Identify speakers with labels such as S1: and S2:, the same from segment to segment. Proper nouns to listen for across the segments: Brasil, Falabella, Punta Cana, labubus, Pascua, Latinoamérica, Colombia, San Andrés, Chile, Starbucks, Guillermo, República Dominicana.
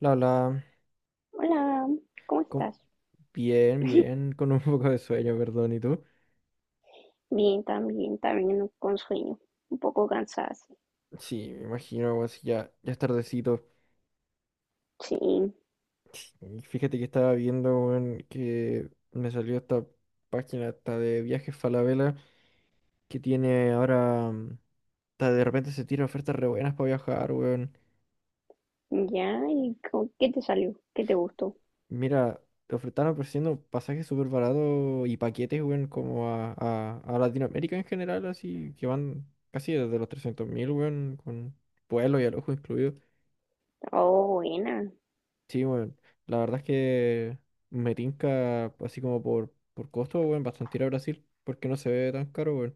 S1: La, la,
S2: Hola, ¿cómo
S1: con-
S2: estás?
S1: Bien, bien, con un poco de sueño, perdón, ¿y tú?
S2: Bien, también, también con sueño, un poco cansada, sí.
S1: Sí, me imagino, weón, si ya es tardecito.
S2: Sí,
S1: Fíjate que estaba viendo, weón, que me salió esta página hasta de viajes Falabella que tiene ahora, de repente se tiran ofertas re buenas para viajar, weón.
S2: ya, ¿y qué te salió? ¿Qué te gustó?
S1: Mira, están ofreciendo pasajes súper baratos y paquetes, weón, como a Latinoamérica en general, así, que van casi desde los 300.000, weón, con vuelo y alojo incluido.
S2: Oh, buena.
S1: Sí, bueno, la verdad es que me tinca así como por costo, bueno, bastante ir a Brasil, porque no se ve tan caro, bueno.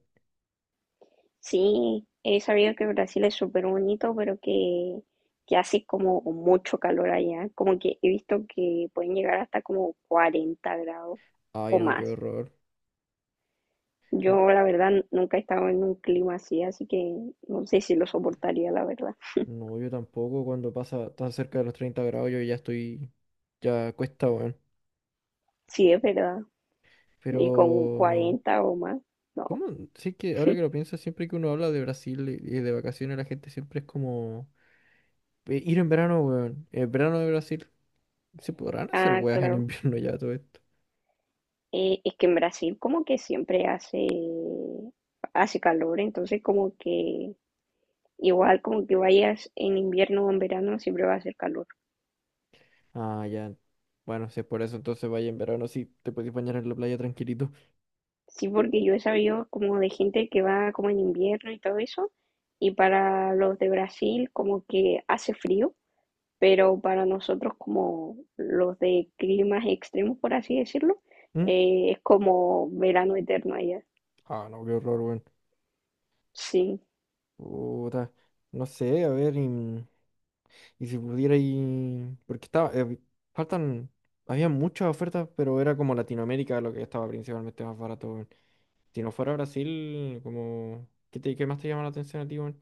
S2: Sí, he sabido que Brasil es súper bonito, pero que hace como mucho calor allá, como que he visto que pueden llegar hasta como 40 grados
S1: Ay,
S2: o
S1: no, qué
S2: más.
S1: horror.
S2: Yo, la verdad, nunca he estado en un clima así, así que no sé si lo soportaría, la verdad.
S1: No, yo tampoco, cuando pasa tan cerca de los 30 grados, yo ya estoy, ya cuesta, bueno.
S2: Sí, es verdad.
S1: Pero,
S2: Y con 40 o más. No.
S1: ¿cómo? Sí que ahora que lo pienso, siempre que uno habla de Brasil y de vacaciones, la gente siempre es como, ir en verano, weón, el verano de Brasil, ¿se podrán hacer
S2: Ah,
S1: weas en
S2: claro.
S1: invierno ya todo esto?
S2: Es que en Brasil como que siempre hace calor, entonces como que igual como que vayas en invierno o en verano siempre va a hacer calor.
S1: Ah, ya. Bueno, si es por eso, entonces vaya en verano, sí, te puedes bañar en la playa tranquilito.
S2: Sí, porque yo he sabido como de gente que va como en invierno y todo eso, y para los de Brasil como que hace frío, pero para nosotros como los de climas extremos, por así decirlo,
S1: ¿Mm?
S2: es como verano eterno allá.
S1: Ah, no, qué horror, weón.
S2: Sí.
S1: Puta. No sé, a ver, y si pudiera ir. Porque estaba faltan... había muchas ofertas, pero era como Latinoamérica lo que estaba principalmente más barato, weón. Si no fuera Brasil, como ¿qué, qué más te llama la atención a ti, weón?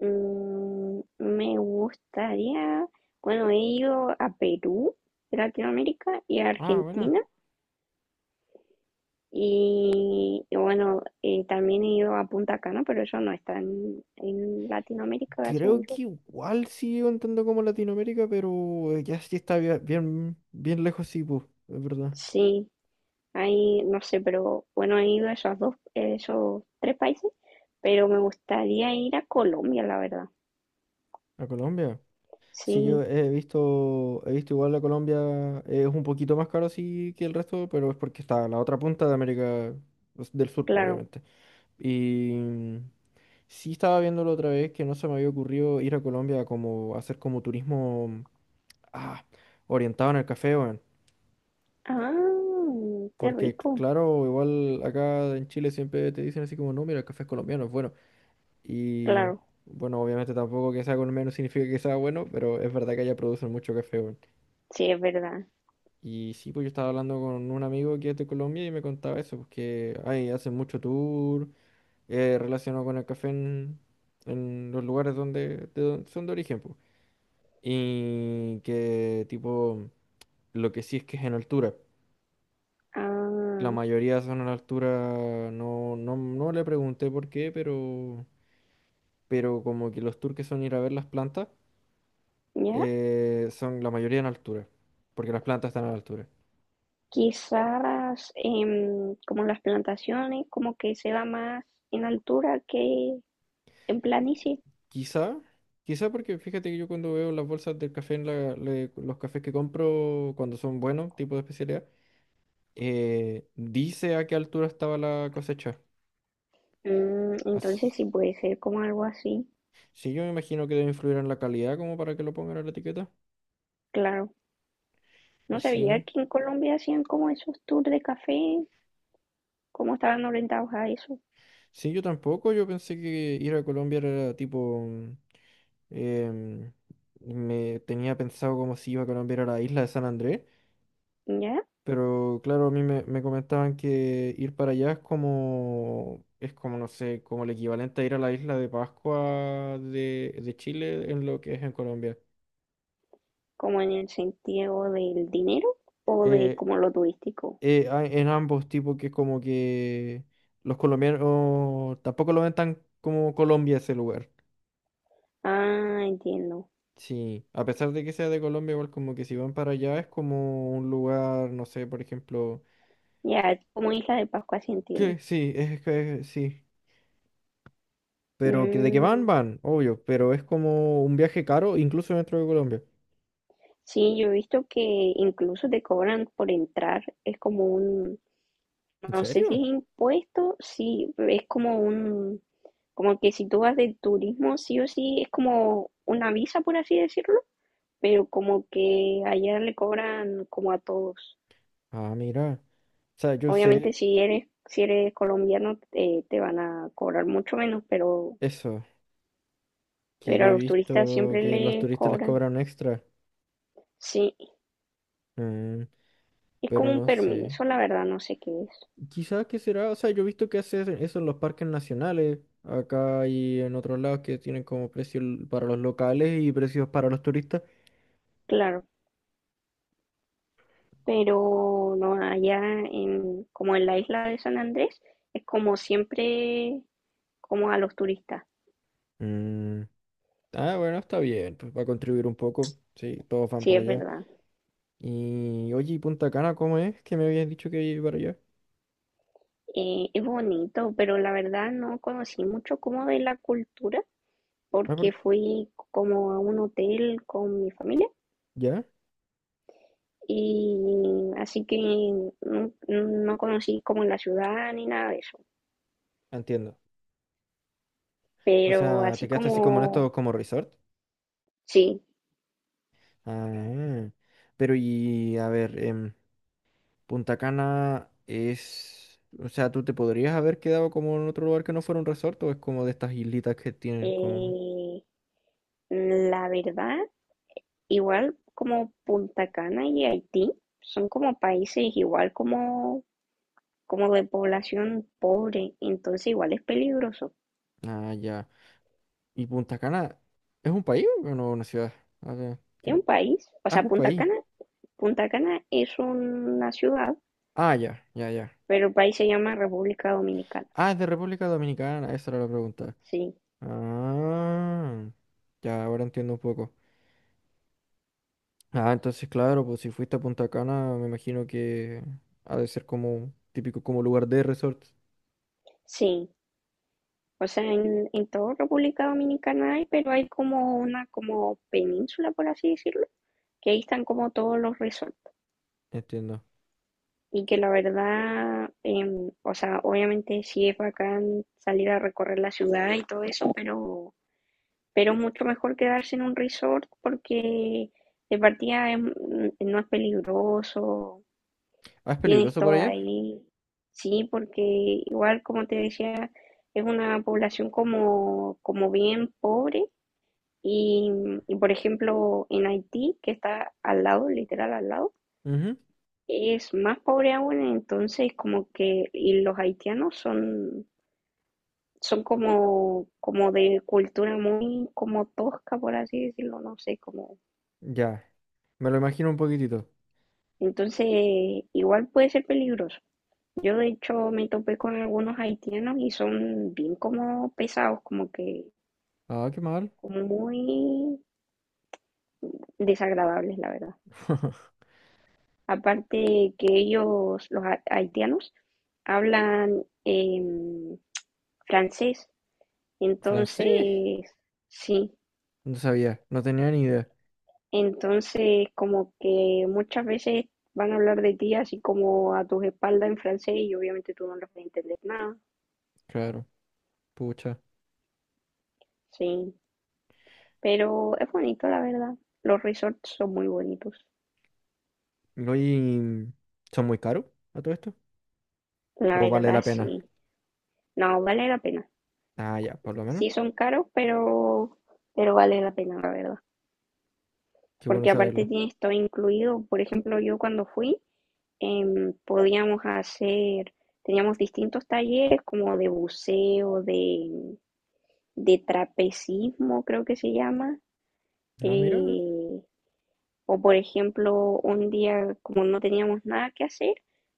S2: Mm, me gustaría, bueno, he ido a Perú, de Latinoamérica, y a
S1: Ah, bueno.
S2: Argentina, y bueno, también he ido a Punta Cana, pero eso no está en Latinoamérica, según
S1: Creo
S2: yo.
S1: que igual sigue contando como Latinoamérica, pero ya sí está bien lejos, sí, pues, es verdad.
S2: Sí, ahí, no sé, pero bueno, he ido a esos dos, esos tres países, pero me gustaría ir a Colombia, la verdad.
S1: ¿A Colombia? Sí, yo
S2: Sí,
S1: he visto igual la Colombia, es un poquito más caro sí que el resto, pero es porque está a la otra punta de América pues, del Sur, pues,
S2: claro.
S1: obviamente. Y sí estaba viéndolo otra vez que no se me había ocurrido ir a Colombia como hacer como turismo ah, orientado en el café, weón.
S2: Ah, qué
S1: Porque
S2: rico.
S1: claro, igual acá en Chile siempre te dicen así como, no, mira, el café es colombiano, es bueno. Y
S2: Claro,
S1: bueno, obviamente tampoco que sea colombiano significa que sea bueno, pero es verdad que allá producen mucho café, weón.
S2: sí, es verdad.
S1: Y sí, pues yo estaba hablando con un amigo que es de Colombia y me contaba eso, pues que ay, hacen mucho tour relacionado con el café en los lugares donde, son de origen, pues. Y que tipo, lo que sí es que es en altura. La
S2: Ah,
S1: mayoría son en altura, no le pregunté por qué, pero como que los tours que son ir a ver las plantas,
S2: ¿ya?
S1: son la mayoría en altura, porque las plantas están a la altura.
S2: Quizás como las plantaciones, como que se da más en altura que en planicie.
S1: Quizá, quizá porque fíjate que yo cuando veo las bolsas del café en los cafés que compro cuando son buenos, tipo de especialidad, dice a qué altura estaba la cosecha.
S2: Mm, entonces
S1: Así,
S2: sí puede ser como algo así,
S1: sí, yo me imagino que debe influir en la calidad como para que lo pongan en la etiqueta.
S2: claro.
S1: Y
S2: No sabía
S1: sí,
S2: que en Colombia hacían como esos tours de café, cómo estaban orientados a eso,
S1: sí, yo tampoco, yo pensé que ir a Colombia era tipo, em, me tenía pensado como si iba a Colombia era la isla de San Andrés.
S2: ¿ya?
S1: Pero claro, a me comentaban que ir para allá es como, no sé, como el equivalente a ir a la isla de Pascua de Chile en lo que es en Colombia.
S2: Como en el sentido del dinero o de
S1: Eh,
S2: como lo turístico.
S1: en ambos tipos que como que los colombianos tampoco lo ven tan como Colombia ese lugar.
S2: Ah, entiendo.
S1: Sí, a pesar de que sea de Colombia, igual como que si van para allá es como un lugar, no sé, por ejemplo,
S2: Ya, como Isla de Pascua, sí entiendo.
S1: que sí, es que sí. Pero que de que van,
S2: Mm,
S1: van, obvio, pero es como un viaje caro incluso dentro de Colombia.
S2: sí, yo he visto que incluso te cobran por entrar, es como un,
S1: ¿En
S2: no sé si
S1: serio?
S2: es impuesto, sí, es como un, como que si tú vas de turismo, sí o sí, es como una visa, por así decirlo, pero como que allá le cobran como a todos.
S1: Ah, mira. O sea, yo
S2: Obviamente
S1: sé
S2: si eres colombiano, te van a cobrar mucho menos,
S1: eso, que
S2: pero
S1: yo
S2: a
S1: he
S2: los turistas
S1: visto
S2: siempre
S1: que los
S2: les
S1: turistas les
S2: cobran.
S1: cobran extra,
S2: Sí,
S1: mm,
S2: es como
S1: pero
S2: un
S1: no sé.
S2: permiso, la verdad, no sé qué es.
S1: Quizás que será, o sea, yo he visto que hacen eso en los parques nacionales, acá y en otros lados que tienen como precios para los locales y precios para los turistas.
S2: Claro, pero no, allá como en la isla de San Andrés, es como siempre, como a los turistas,
S1: Mm, ah, bueno, está bien, pues va a contribuir un poco, sí, todos van
S2: sí
S1: para
S2: es
S1: allá.
S2: verdad.
S1: Y oye, ¿y Punta Cana cómo es? Que me habías dicho que iba para allá.
S2: Es bonito, pero la verdad no conocí mucho como de la cultura,
S1: Ah,
S2: porque
S1: por...
S2: fui como a un hotel con mi familia,
S1: ¿Ya?
S2: y así que no, no conocí como la ciudad ni nada de eso,
S1: Entiendo. O
S2: pero
S1: sea, te
S2: así
S1: quedaste así como en
S2: como,
S1: esto como resort.
S2: sí,
S1: Ah, pero y a ver, Punta Cana es... O sea, ¿tú te podrías haber quedado como en otro lugar que no fuera un resort o es como de estas islitas que tienen como...
S2: eh, la verdad igual como Punta Cana y Haití son como países igual como, como de población pobre, entonces igual es peligroso.
S1: Ah, ya. ¿Y Punta Cana es un país o no una ciudad? A ver,
S2: Es
S1: que-
S2: un país, o
S1: ah, es
S2: sea,
S1: un país.
S2: Punta Cana es una ciudad,
S1: Ah, ya, ya, ya.
S2: pero el país se llama República Dominicana.
S1: Ah, es de República Dominicana, esa era la pregunta.
S2: Sí,
S1: Ah, ya ahora entiendo un poco. Ah, entonces claro, pues si fuiste a Punta Cana, me imagino que ha de ser como típico como lugar de resort.
S2: sí. O sea, en toda República Dominicana hay, pero hay como una como península, por así decirlo, que ahí están como todos los resorts.
S1: Entiendo.
S2: Y que la verdad, o sea, obviamente sí es bacán salir a recorrer la ciudad y todo eso, pero mucho mejor quedarse en un resort porque de partida no es peligroso,
S1: Ah, es
S2: tienes
S1: peligroso por
S2: todo
S1: allá.
S2: ahí. Sí, porque igual como te decía, es una población como, como bien pobre y, y por ejemplo en Haití, que está al lado, literal al lado,
S1: Ujú,
S2: es más pobre aún, entonces como que y los haitianos son como, como de cultura muy como tosca, por así decirlo, no sé, como...
S1: ya, me lo imagino un poquitito.
S2: Entonces igual puede ser peligroso. Yo de hecho me topé con algunos haitianos y son bien como pesados, como que
S1: Ah, qué mal.
S2: como muy desagradables, la verdad. Aparte que ellos, los haitianos, hablan francés.
S1: ¿Francés?
S2: Entonces, sí,
S1: No sabía, no tenía ni idea.
S2: entonces como que muchas veces van a hablar de ti así como a tus espaldas en francés y obviamente tú no les vas a entender nada,
S1: Claro, pucha.
S2: sí, pero es bonito la verdad, los resorts son muy bonitos,
S1: No, ¿y son muy caros a todo esto?
S2: la
S1: ¿O vale
S2: verdad
S1: la pena?
S2: sí, no, vale la pena,
S1: Ah, ya, por lo menos.
S2: sí son caros, pero vale la pena la verdad,
S1: Qué bueno
S2: porque aparte
S1: saberlo.
S2: tienes todo incluido, por ejemplo yo cuando fui podíamos hacer, teníamos distintos talleres como de buceo, de trapecismo, creo que se llama.
S1: No, mira. Eh.
S2: eh, o por ejemplo, un día como no teníamos nada que hacer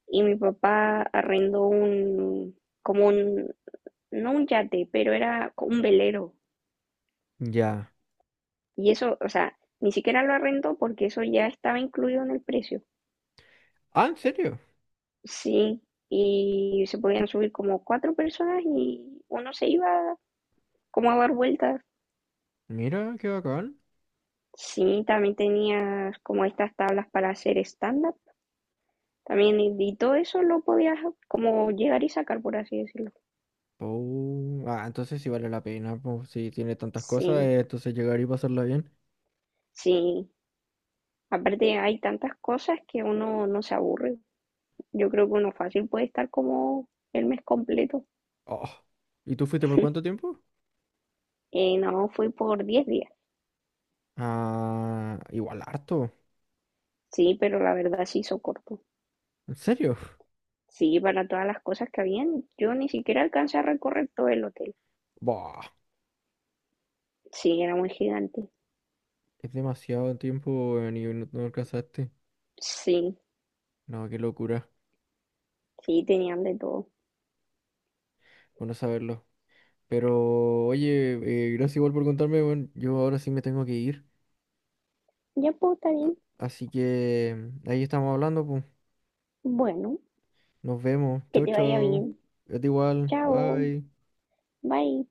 S2: y mi papá arrendó un, como un, no un yate, pero era un velero.
S1: Ya.
S2: Y eso, o sea, ni siquiera lo arrendó porque eso ya estaba incluido en el precio.
S1: Ah, ¿en serio?
S2: Sí, y se podían subir como cuatro personas y uno se iba como dar vueltas.
S1: Mira, qué bacán.
S2: Sí, también tenías como estas tablas para hacer stand-up. También, y todo eso lo podías como llegar y sacar, por así decirlo.
S1: Oh, ah, entonces sí vale la pena, pues, si tiene tantas cosas,
S2: Sí,
S1: entonces llegar y pasarla bien.
S2: sí. Aparte hay tantas cosas que uno no se aburre. Yo creo que uno fácil puede estar como el mes completo.
S1: Oh, ¿y tú fuiste por cuánto tiempo?
S2: No, fui por 10 días.
S1: Ah, igual harto.
S2: Sí, pero la verdad se hizo corto.
S1: ¿En serio?
S2: Sí, para todas las cosas que habían, yo ni siquiera alcancé a recorrer todo el hotel.
S1: Bah,
S2: Sí, era muy gigante.
S1: es demasiado tiempo, ni no, no alcanzaste.
S2: Sí,
S1: No, qué locura,
S2: sí, tenían de todo.
S1: bueno saberlo. Pero, oye, gracias igual por contarme, bueno, yo ahora sí me tengo que ir.
S2: Ya pues, está bien.
S1: Así que ahí estamos hablando, pues.
S2: Bueno,
S1: Nos vemos.
S2: que
S1: Chau,
S2: te vaya
S1: chau.
S2: bien.
S1: Es igual.
S2: Chao.
S1: Bye.
S2: Bye.